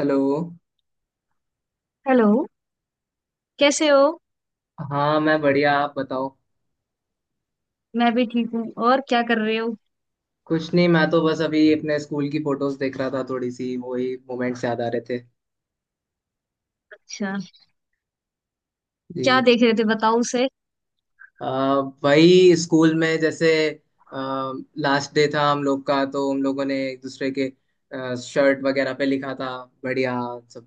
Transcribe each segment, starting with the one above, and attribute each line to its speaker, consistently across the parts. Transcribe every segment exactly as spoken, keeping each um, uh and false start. Speaker 1: Hello.
Speaker 2: Hello. कैसे हो?
Speaker 1: हाँ, मैं बढ़िया, आप बताओ।
Speaker 2: मैं भी ठीक हूँ। और क्या कर रहे हो?
Speaker 1: कुछ नहीं, मैं तो बस अभी अपने स्कूल की फोटोज देख रहा था, थोड़ी सी वही मोमेंट्स याद आ रहे थे।
Speaker 2: अच्छा, क्या
Speaker 1: जी।
Speaker 2: देख रहे थे बताओ उसे।
Speaker 1: अ, वही स्कूल में, जैसे लास्ट डे था हम लोग का, तो हम लोगों ने एक दूसरे के शर्ट वगैरह पे लिखा था बढ़िया सब।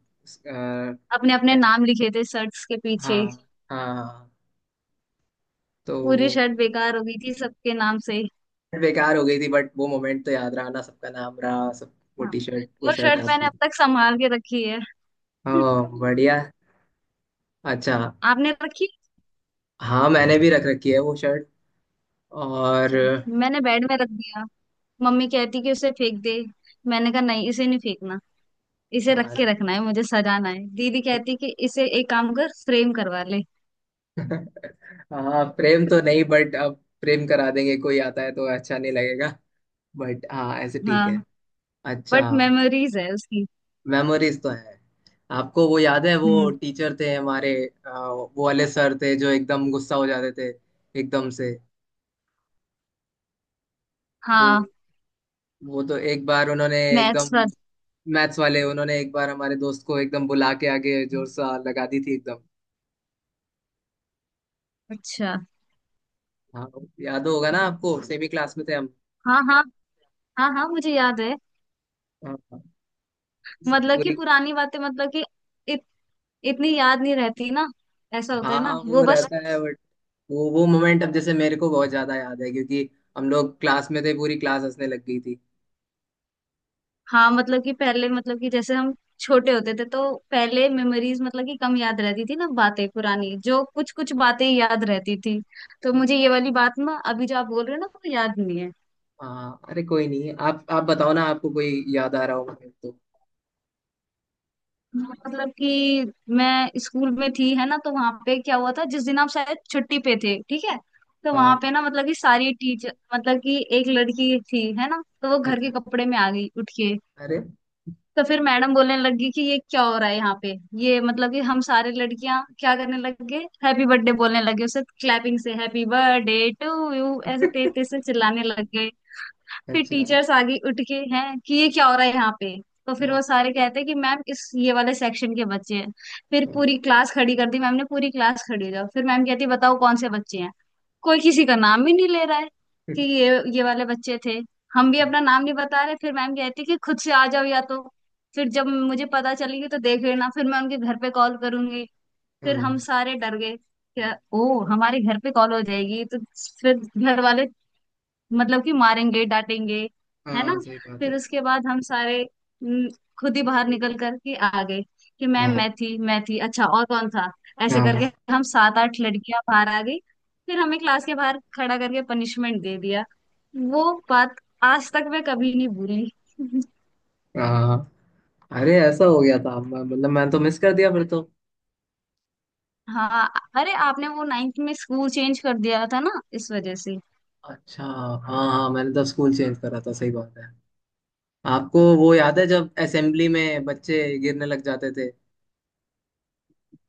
Speaker 2: अपने
Speaker 1: अ,
Speaker 2: अपने नाम लिखे थे शर्ट्स के पीछे?
Speaker 1: हाँ, हाँ, तो
Speaker 2: पूरी
Speaker 1: वो
Speaker 2: शर्ट बेकार हो गई थी सबके नाम से।
Speaker 1: बेकार हो गई थी, बट वो मोमेंट तो याद रहा ना, सबका नाम रहा सब। वो
Speaker 2: हाँ,
Speaker 1: टी शर्ट, वो
Speaker 2: वो
Speaker 1: शर्ट
Speaker 2: शर्ट मैंने
Speaker 1: आपने।
Speaker 2: अब तक संभाल के रखी है।
Speaker 1: हाँ, बढ़िया। अच्छा।
Speaker 2: आपने रखी?
Speaker 1: हाँ, मैंने भी रख रखी है वो शर्ट। और
Speaker 2: अच्छा, मैंने बेड में रख दिया। मम्मी कहती कि उसे फेंक दे। मैंने कहा नहीं, इसे नहीं फेंकना। इसे रख के
Speaker 1: कसम।
Speaker 2: रखना है, मुझे सजाना है। दीदी कहती कि इसे एक काम कर, फ्रेम करवा ले।
Speaker 1: हाँ, प्रेम तो नहीं, बट अब प्रेम करा देंगे, कोई आता है तो अच्छा नहीं लगेगा। बट हाँ, ऐसे ठीक है।
Speaker 2: हाँ,
Speaker 1: अच्छा।
Speaker 2: बट मेमोरीज है उसकी।
Speaker 1: मेमोरीज तो है। आपको वो याद है, वो
Speaker 2: हम्म।
Speaker 1: टीचर थे हमारे? अ, वो वाले सर थे जो एकदम गुस्सा हो जाते थे, एकदम से। वो
Speaker 2: हाँ,
Speaker 1: वो तो एक बार उन्होंने एकदम,
Speaker 2: मैथ्स वाला।
Speaker 1: मैथ्स वाले उन्होंने एक बार हमारे दोस्त को एकदम बुला के आगे जोर सा लगा दी थी एकदम।
Speaker 2: अच्छा।
Speaker 1: हाँ। याद होगा ना आपको, सेमी क्लास में थे हम।
Speaker 2: हाँ हाँ। हाँ हाँ, मुझे याद है।
Speaker 1: हाँ, सब
Speaker 2: मतलब कि
Speaker 1: पूरी।
Speaker 2: पुरानी बातें, मतलब कि इत, इतनी याद नहीं रहती ना। ऐसा होता है
Speaker 1: हाँ
Speaker 2: ना,
Speaker 1: वो
Speaker 2: वो बस।
Speaker 1: रहता है, बट वो वो मोमेंट अब जैसे मेरे को बहुत ज्यादा याद है, क्योंकि हम लोग क्लास में थे, पूरी क्लास हंसने लग गई थी।
Speaker 2: हाँ, मतलब कि पहले, मतलब कि जैसे हम छोटे होते थे तो पहले मेमोरीज, मतलब कि कम याद रहती थी ना बातें पुरानी। जो कुछ कुछ बातें ही याद रहती थी। तो मुझे ये वाली बात ना, अभी जो आप बोल रहे हो ना, वो याद नहीं है।
Speaker 1: हाँ। अरे कोई नहीं, आप आप बताओ ना, आपको कोई याद आ रहा होगा फिर तो।
Speaker 2: मतलब कि मैं स्कूल में थी है ना, तो वहां पे क्या हुआ था जिस दिन आप शायद छुट्टी पे थे, ठीक है। तो वहां
Speaker 1: हाँ।
Speaker 2: पे ना मतलब कि सारी टीचर, मतलब कि एक लड़की थी है ना, तो वो घर
Speaker 1: अच्छा।
Speaker 2: के कपड़े में आ गई उठ के।
Speaker 1: अरे।
Speaker 2: तो फिर मैडम बोलने लगी कि ये क्या हो रहा है यहाँ पे। ये मतलब कि हम सारे लड़कियां क्या करने लग गए, हैप्पी बर्थडे बोलने लगे उसे। क्लैपिंग से हैप्पी बर्थडे टू यू ऐसे तेज तेज से चिल्लाने लग गए। फिर
Speaker 1: अच्छा।
Speaker 2: टीचर्स आगे उठ के हैं कि ये क्या हो रहा है यहाँ पे। तो फिर वो
Speaker 1: हाँ,
Speaker 2: सारे कहते हैं कि मैम, इस ये वाले सेक्शन के बच्चे हैं। फिर
Speaker 1: हाँ,
Speaker 2: पूरी क्लास खड़ी कर दी मैम ने। पूरी क्लास खड़ी हो जाओ, फिर मैम कहती है बताओ कौन से बच्चे हैं। कोई किसी का नाम ही नहीं ले रहा है कि ये ये वाले बच्चे थे। हम भी अपना नाम नहीं बता रहे। फिर मैम कहती है कि खुद से आ जाओ, या तो फिर जब मुझे पता चलेगी तो देख लेना, फिर मैं उनके घर पे कॉल करूंगी। फिर
Speaker 1: हाँ,
Speaker 2: हम सारे डर गए क्या ओ हमारे घर पे कॉल हो जाएगी तो फिर घर वाले, मतलब कि मारेंगे डांटेंगे, है ना।
Speaker 1: हाँ, सही बात है।
Speaker 2: फिर उसके बाद हम सारे हम्म, खुद ही बाहर निकल कर के आ गए कि मैम
Speaker 1: हाँ,
Speaker 2: मैं थी, मैं थी। अच्छा, और कौन था, ऐसे
Speaker 1: हाँ,
Speaker 2: करके। हम सात आठ लड़कियां बाहर आ गई। फिर हमें क्लास के बाहर खड़ा करके पनिशमेंट दे दिया। वो बात आज तक मैं कभी नहीं भूली।
Speaker 1: हाँ। अरे ऐसा हो गया था, मैं- मतलब मैंने तो मिस कर दिया फिर तो।
Speaker 2: हाँ, अरे आपने वो नाइन्थ में स्कूल चेंज कर दिया था ना इस वजह से।
Speaker 1: अच्छा, हाँ। हाँ, मैंने तो स्कूल चेंज करा था, सही बात है। आपको वो याद है जब असेंबली में बच्चे गिरने लग जाते थे?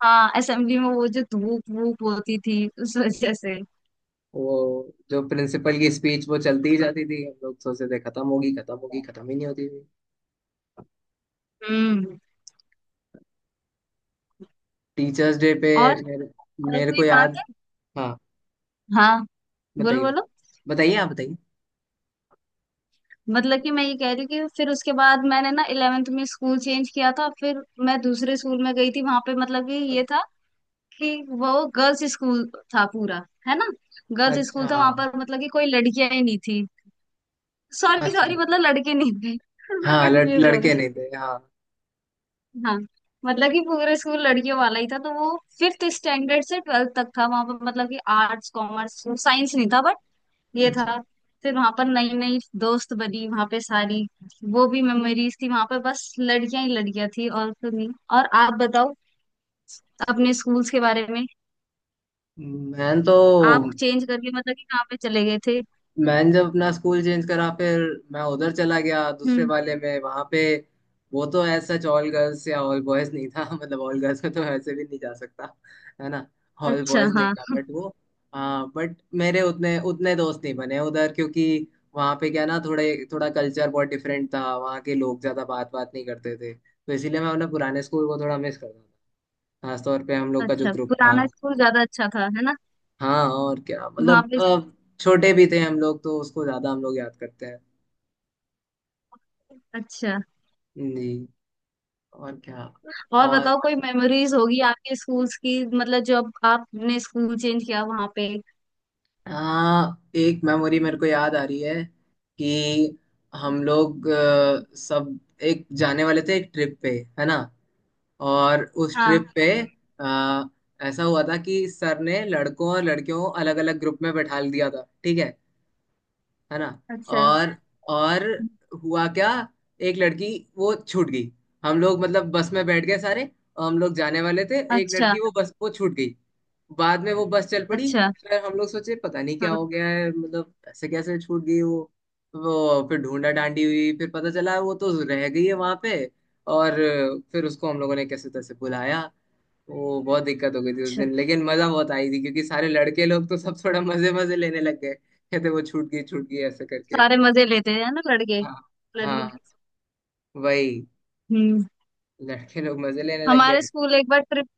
Speaker 2: हाँ, असेंबली में वो जो धूप वूप होती थी उस वजह से।
Speaker 1: वो जो प्रिंसिपल की स्पीच वो चलती ही जाती थी, हम लोग सोचते थे खत्म होगी, खत्म होगी, खत्म ही नहीं होती थी।
Speaker 2: हम्म।
Speaker 1: टीचर्स डे पे
Speaker 2: और
Speaker 1: मेरे
Speaker 2: और
Speaker 1: मेरे
Speaker 2: कोई
Speaker 1: को
Speaker 2: बात
Speaker 1: याद।
Speaker 2: है?
Speaker 1: हाँ,
Speaker 2: हाँ, बोलो
Speaker 1: बताइए,
Speaker 2: बोलो।
Speaker 1: बताइए, आप बताइए।
Speaker 2: मतलब कि मैं ये कह रही हूँ कि फिर उसके बाद मैंने ना इलेवेंथ में स्कूल चेंज किया था, फिर मैं दूसरे स्कूल में गई थी। वहां पे मतलब कि ये था कि वो गर्ल्स स्कूल था पूरा, है ना। गर्ल्स स्कूल
Speaker 1: अच्छा।
Speaker 2: था, वहां
Speaker 1: हाँ।
Speaker 2: पर मतलब कि कोई लड़कियां ही नहीं थी। सॉरी
Speaker 1: अच्छा।
Speaker 2: सॉरी, मतलब लड़के नहीं थे। मैं
Speaker 1: हाँ, लड़,
Speaker 2: कंफ्यूज हो
Speaker 1: लड़के
Speaker 2: गई।
Speaker 1: नहीं थे, हाँ।
Speaker 2: हाँ, मतलब कि पूरा स्कूल लड़कियों वाला ही था। तो वो फिफ्थ स्टैंडर्ड से ट्वेल्थ तक था वहां पर। मतलब कि आर्ट्स कॉमर्स साइंस नहीं था, ये
Speaker 1: अच्छा।
Speaker 2: था। फिर वहां पर नई नई दोस्त बनी वहां पे सारी। वो भी मेमोरीज थी, वहां पर बस लड़कियां ही लड़कियां थी और तो नहीं। और आप बताओ अपने स्कूल्स के बारे में।
Speaker 1: मैं तो
Speaker 2: आप चेंज करके मतलब कि कहाँ पे चले गए थे?
Speaker 1: मैंने जब अपना स्कूल चेंज करा, फिर मैं उधर चला गया दूसरे
Speaker 2: हम्म।
Speaker 1: वाले में, वहां पे वो तो ऐसा ऑल गर्ल्स या ऑल बॉयज नहीं था। मतलब ऑल गर्ल्स में तो ऐसे भी नहीं जा सकता, है ना। ऑल
Speaker 2: अच्छा।
Speaker 1: बॉयज नहीं
Speaker 2: हाँ।
Speaker 1: था, बट वो, हाँ। बट मेरे उतने उतने दोस्त नहीं बने उधर, क्योंकि वहाँ पे क्या ना, थोड़े थोड़ा कल्चर बहुत डिफरेंट था, वहाँ के लोग ज़्यादा बात बात नहीं करते थे, तो इसीलिए मैं अपने पुराने स्कूल को थोड़ा मिस करता था, खासतौर पे हम लोग का जो
Speaker 2: अच्छा,
Speaker 1: ग्रुप था।
Speaker 2: पुराना स्कूल ज्यादा अच्छा था है ना।
Speaker 1: हाँ, और क्या
Speaker 2: वहां
Speaker 1: मतलब,
Speaker 2: पे
Speaker 1: अ, छोटे भी थे हम लोग, तो उसको ज़्यादा हम लोग याद करते हैं।
Speaker 2: अच्छा।
Speaker 1: नहीं। और क्या।
Speaker 2: और
Speaker 1: और
Speaker 2: बताओ कोई मेमोरीज होगी आपके स्कूल्स की, मतलब जो अब आपने स्कूल चेंज किया वहां पे।
Speaker 1: हाँ, एक मेमोरी मेरे को याद आ रही है कि हम लोग अ, सब एक जाने वाले थे एक ट्रिप पे, है ना। और उस
Speaker 2: हाँ।
Speaker 1: ट्रिप पे अ, ऐसा हुआ था कि सर ने लड़कों और लड़कियों को अलग अलग ग्रुप में बैठा दिया था, ठीक है है ना।
Speaker 2: अच्छा।
Speaker 1: और और हुआ क्या, एक लड़की वो छूट गई। हम लोग मतलब बस में बैठ गए सारे, और हम लोग जाने वाले थे, एक
Speaker 2: अच्छा।
Speaker 1: लड़की वो बस, वो छूट गई। बाद में वो बस चल पड़ी।
Speaker 2: अच्छा।
Speaker 1: फिर हम लोग सोचे पता नहीं क्या
Speaker 2: हाँ।
Speaker 1: हो गया है, मतलब ऐसे कैसे छूट गई वो। वो फिर ढूंढा डांडी हुई, फिर पता चला वो तो रह गई है वहां पे। और फिर उसको हम लोगों ने कैसे तैसे बुलाया। वो बहुत दिक्कत हो गई थी उस
Speaker 2: अच्छा,
Speaker 1: दिन, लेकिन मजा बहुत आई थी, क्योंकि सारे लड़के लोग तो सब थोड़ा मजे मजे लेने लग गए, कहते वो छूट गई, छूट गई ऐसे करके।
Speaker 2: सारे मजे लेते हैं ना लड़के,
Speaker 1: हाँ।
Speaker 2: लड़की।
Speaker 1: हाँ, वही।
Speaker 2: हम्म।
Speaker 1: लड़के लोग मजे लेने लग
Speaker 2: हमारे
Speaker 1: गए।
Speaker 2: स्कूल एक बार ट्रिप,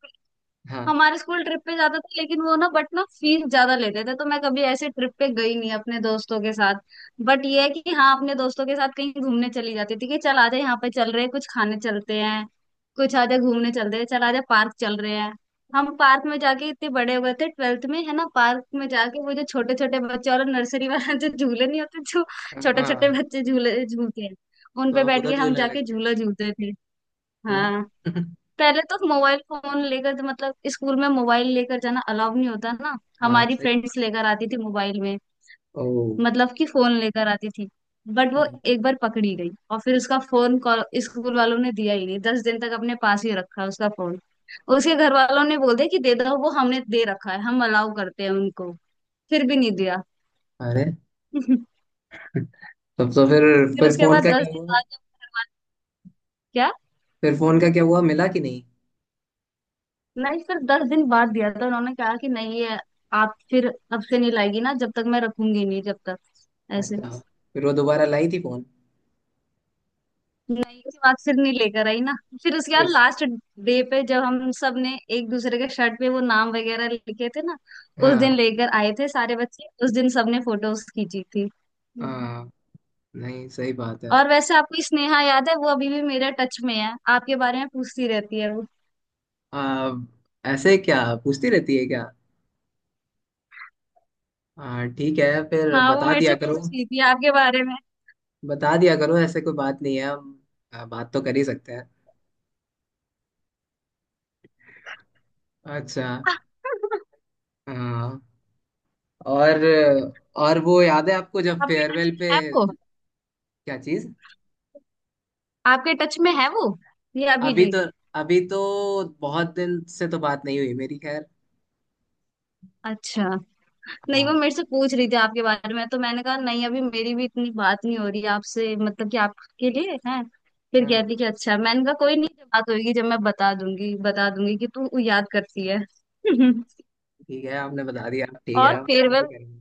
Speaker 1: हाँ।
Speaker 2: हमारे स्कूल ट्रिप पे जाता था, लेकिन वो ना बट ना फीस ज्यादा लेते थे, तो मैं कभी ऐसे ट्रिप पे गई नहीं अपने दोस्तों के साथ। बट ये है कि हाँ, अपने दोस्तों के साथ कहीं घूमने चली जाती थी कि चल आजा यहाँ पे चल रहे हैं, कुछ खाने चलते हैं, कुछ आजा घूमने चलते हैं, चल आजा पार्क चल रहे हैं। हम पार्क में जाके इतने बड़े हो गए थे ट्वेल्थ में, है ना, पार्क में जाके वो जो छोटे छोटे बच्चे और नर्सरी वाला जो झूले नहीं होते जो छोटे छोटे
Speaker 1: हाँ,
Speaker 2: बच्चे झूले झूलते हैं, उन
Speaker 1: तो
Speaker 2: पे
Speaker 1: आप
Speaker 2: बैठ के
Speaker 1: उधर
Speaker 2: हम
Speaker 1: झूलने लग
Speaker 2: जाके
Speaker 1: गए।
Speaker 2: झूला झूलते थे।
Speaker 1: अरे।
Speaker 2: हाँ, पहले तो मोबाइल फोन लेकर तो मतलब स्कूल में मोबाइल लेकर जाना अलाउ नहीं होता ना।
Speaker 1: हाँ,
Speaker 2: हमारी
Speaker 1: सही।
Speaker 2: फ्रेंड्स लेकर आती थी मोबाइल में,
Speaker 1: ओ।
Speaker 2: मतलब कि फोन लेकर आती थी। बट वो एक बार पकड़ी गई, और फिर उसका फोन कॉल स्कूल वालों ने दिया ही नहीं। दस दिन तक अपने पास ही रखा उसका फोन। उसके घर वालों ने बोल दिया कि दे दो, वो हमने दे रखा है, हम अलाउ करते हैं उनको। फिर भी नहीं दिया।
Speaker 1: अरे। तब तो फिर।
Speaker 2: फिर
Speaker 1: फिर
Speaker 2: उसके
Speaker 1: फोन
Speaker 2: बाद
Speaker 1: का
Speaker 2: दस
Speaker 1: क्या
Speaker 2: दिन
Speaker 1: हुआ
Speaker 2: बाद जब घर वाले- क्या?
Speaker 1: फिर फोन का क्या हुआ, मिला कि नहीं?
Speaker 2: नहीं, फिर दस दिन बाद दिया था। उन्होंने कहा कि नहीं, ये आप फिर अब से नहीं लाएगी ना, जब तक मैं रखूंगी नहीं जब तक, ऐसे।
Speaker 1: अच्छा। फिर वो दोबारा लाई थी फोन?
Speaker 2: नहीं, उसके बाद फिर नहीं लेकर आई ना। फिर उसके बाद
Speaker 1: इस-
Speaker 2: लास्ट डे पे जब हम सब ने एक दूसरे के शर्ट पे वो नाम वगैरह लिखे थे ना, उस
Speaker 1: हाँ।
Speaker 2: दिन लेकर आए थे सारे बच्चे, उस दिन सबने फोटोज खींची थी। हम्म।
Speaker 1: हाँ, नहीं, सही बात है।
Speaker 2: और वैसे आपको स्नेहा याद है? वो अभी भी मेरे टच में है, आपके बारे में पूछती रहती है वो।
Speaker 1: आ, ऐसे क्या? पूछती रहती है क्या? हाँ, ठीक है, फिर
Speaker 2: हाँ, वो
Speaker 1: बता
Speaker 2: मेरे
Speaker 1: दिया
Speaker 2: से
Speaker 1: करो।
Speaker 2: पूछ रही थी आपके बारे में।
Speaker 1: बता दिया करो, ऐसे कोई बात नहीं है, हम आ, बात तो कर ही सकते हैं। अच्छा। हाँ। और और वो याद है आपको जब
Speaker 2: आपके टच
Speaker 1: फेयरवेल पे?
Speaker 2: में है?
Speaker 1: क्या चीज?
Speaker 2: आपके टच में है वो, या अभी
Speaker 1: अभी
Speaker 2: डी?
Speaker 1: तो, अभी तो बहुत दिन से तो बात नहीं हुई मेरी, खैर।
Speaker 2: अच्छा, नहीं वो
Speaker 1: हाँ।
Speaker 2: मेरे से पूछ रही थी आपके बारे में, तो मैंने कहा नहीं अभी मेरी भी इतनी बात नहीं हो रही है आपसे, मतलब कि आपके लिए है। फिर
Speaker 1: हाँ,
Speaker 2: कहती कि अच्छा, मैंने कहा कोई नहीं, जब बात होगी जब मैं बता दूंगी, बता दूंगी कि तू याद करती है।
Speaker 1: ठीक है, आपने बता दिया, ठीक है,
Speaker 2: और
Speaker 1: हम
Speaker 2: फेयरवेल,
Speaker 1: भी करेंगे।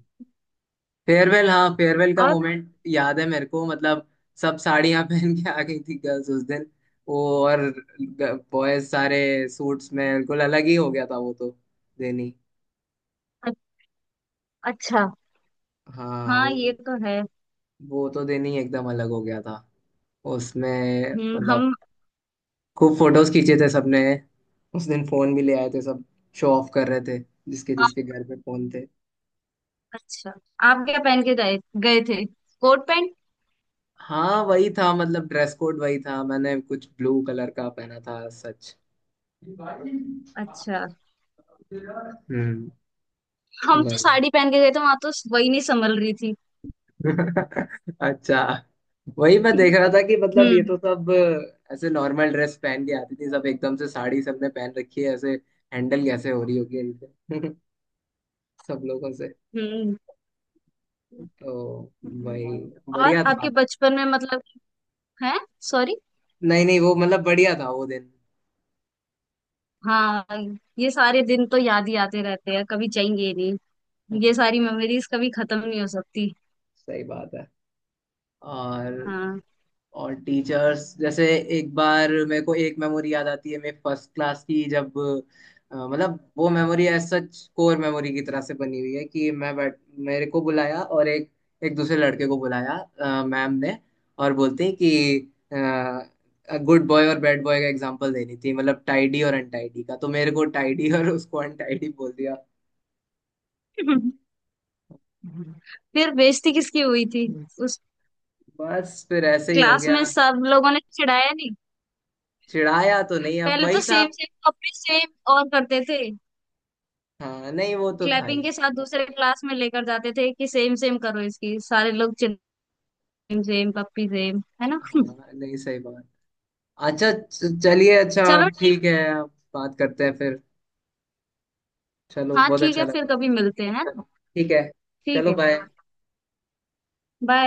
Speaker 1: फेयरवेल हाँ फेयरवेल का
Speaker 2: और
Speaker 1: मोमेंट याद है मेरे को, मतलब सब साड़ियां पहन के आ गई थी गर्ल्स उस दिन। वो, और बॉयज सारे सूट्स में, बिल्कुल अलग ही हो गया था वो तो, दिन ही।
Speaker 2: अच्छा।
Speaker 1: हाँ
Speaker 2: हाँ,
Speaker 1: वो
Speaker 2: ये तो है।
Speaker 1: वो तो दिन ही एकदम अलग हो गया था उसमें,
Speaker 2: हम्म
Speaker 1: मतलब
Speaker 2: हम।
Speaker 1: खूब फोटोज खींचे थे सबने, उस दिन फोन भी ले आए थे सब, शो ऑफ कर रहे थे, जिसके जिसके
Speaker 2: आप-
Speaker 1: घर पे फोन थे।
Speaker 2: अच्छा, आप क्या पहन के गए, गए थे कोट पैंट?
Speaker 1: हाँ, वही था मतलब, ड्रेस कोड वही था, मैंने कुछ ब्लू कलर का पहना था, सच।
Speaker 2: अच्छा,
Speaker 1: हम्म।
Speaker 2: हम तो
Speaker 1: वही।
Speaker 2: साड़ी पहन के गए थे, वहां तो वही नहीं संभल रही थी।
Speaker 1: अच्छा। वही मैं देख रहा था कि मतलब, ये
Speaker 2: हम्म।
Speaker 1: तो सब ऐसे नॉर्मल ड्रेस पहन के आती थी, सब एकदम से साड़ी सबने पहन रखी है ऐसे, हैंडल कैसे हो रही होगी इनसे। सब लोगों से।
Speaker 2: हम्म।
Speaker 1: तो वही
Speaker 2: और
Speaker 1: बढ़िया था।
Speaker 2: आपके बचपन में मतलब है, सॉरी।
Speaker 1: नहीं, नहीं, वो मतलब बढ़िया था वो दिन।
Speaker 2: हाँ, ये सारे दिन तो याद ही आते रहते हैं, कभी जाएंगे ही
Speaker 1: हाँ,
Speaker 2: नहीं। ये सारी मेमोरीज कभी खत्म नहीं हो सकती।
Speaker 1: सही बात है। और
Speaker 2: हाँ।
Speaker 1: और टीचर्स जैसे, एक बार मेरे को एक मेमोरी याद आती है मेरे फर्स्ट क्लास की, जब अ, मतलब वो memory as such core memory की तरह से बनी हुई है कि मैं बैठ मेरे को बुलाया और एक एक दूसरे लड़के को बुलाया अ, मैम ने। और बोलते हैं कि गुड बॉय और बैड बॉय का एग्जांपल देनी थी, मतलब टाइडी और अनटाइडी का, तो मेरे को टाइडी और उसको अनटाइडी बोल दिया।
Speaker 2: फिर बेइज्जती किसकी हुई थी उस
Speaker 1: बस, फिर ऐसे ही हो
Speaker 2: क्लास
Speaker 1: गया।
Speaker 2: में? सब लोगों ने चिढ़ाया नहीं?
Speaker 1: चिढ़ाया तो नहीं, अब
Speaker 2: पहले तो
Speaker 1: वही था।
Speaker 2: सेम सेम कपड़े सेम और करते थे,
Speaker 1: हाँ नहीं, वो तो था
Speaker 2: क्लैपिंग
Speaker 1: ही।
Speaker 2: के साथ दूसरे क्लास में लेकर जाते थे कि सेम सेम करो इसकी, सारे लोग सेम सेम पप्पी सेम, है ना।
Speaker 1: हाँ, नहीं, सही बात। अच्छा, च- चलिए। अच्छा,
Speaker 2: चलो ठीक।
Speaker 1: ठीक है। अब बात करते हैं फिर। चलो,
Speaker 2: हाँ
Speaker 1: बहुत
Speaker 2: ठीक
Speaker 1: अच्छा
Speaker 2: है, फिर
Speaker 1: लगा।
Speaker 2: कभी मिलते हैं है ना।
Speaker 1: ठीक है,
Speaker 2: ठीक
Speaker 1: चलो,
Speaker 2: है।
Speaker 1: बाय।
Speaker 2: बाय।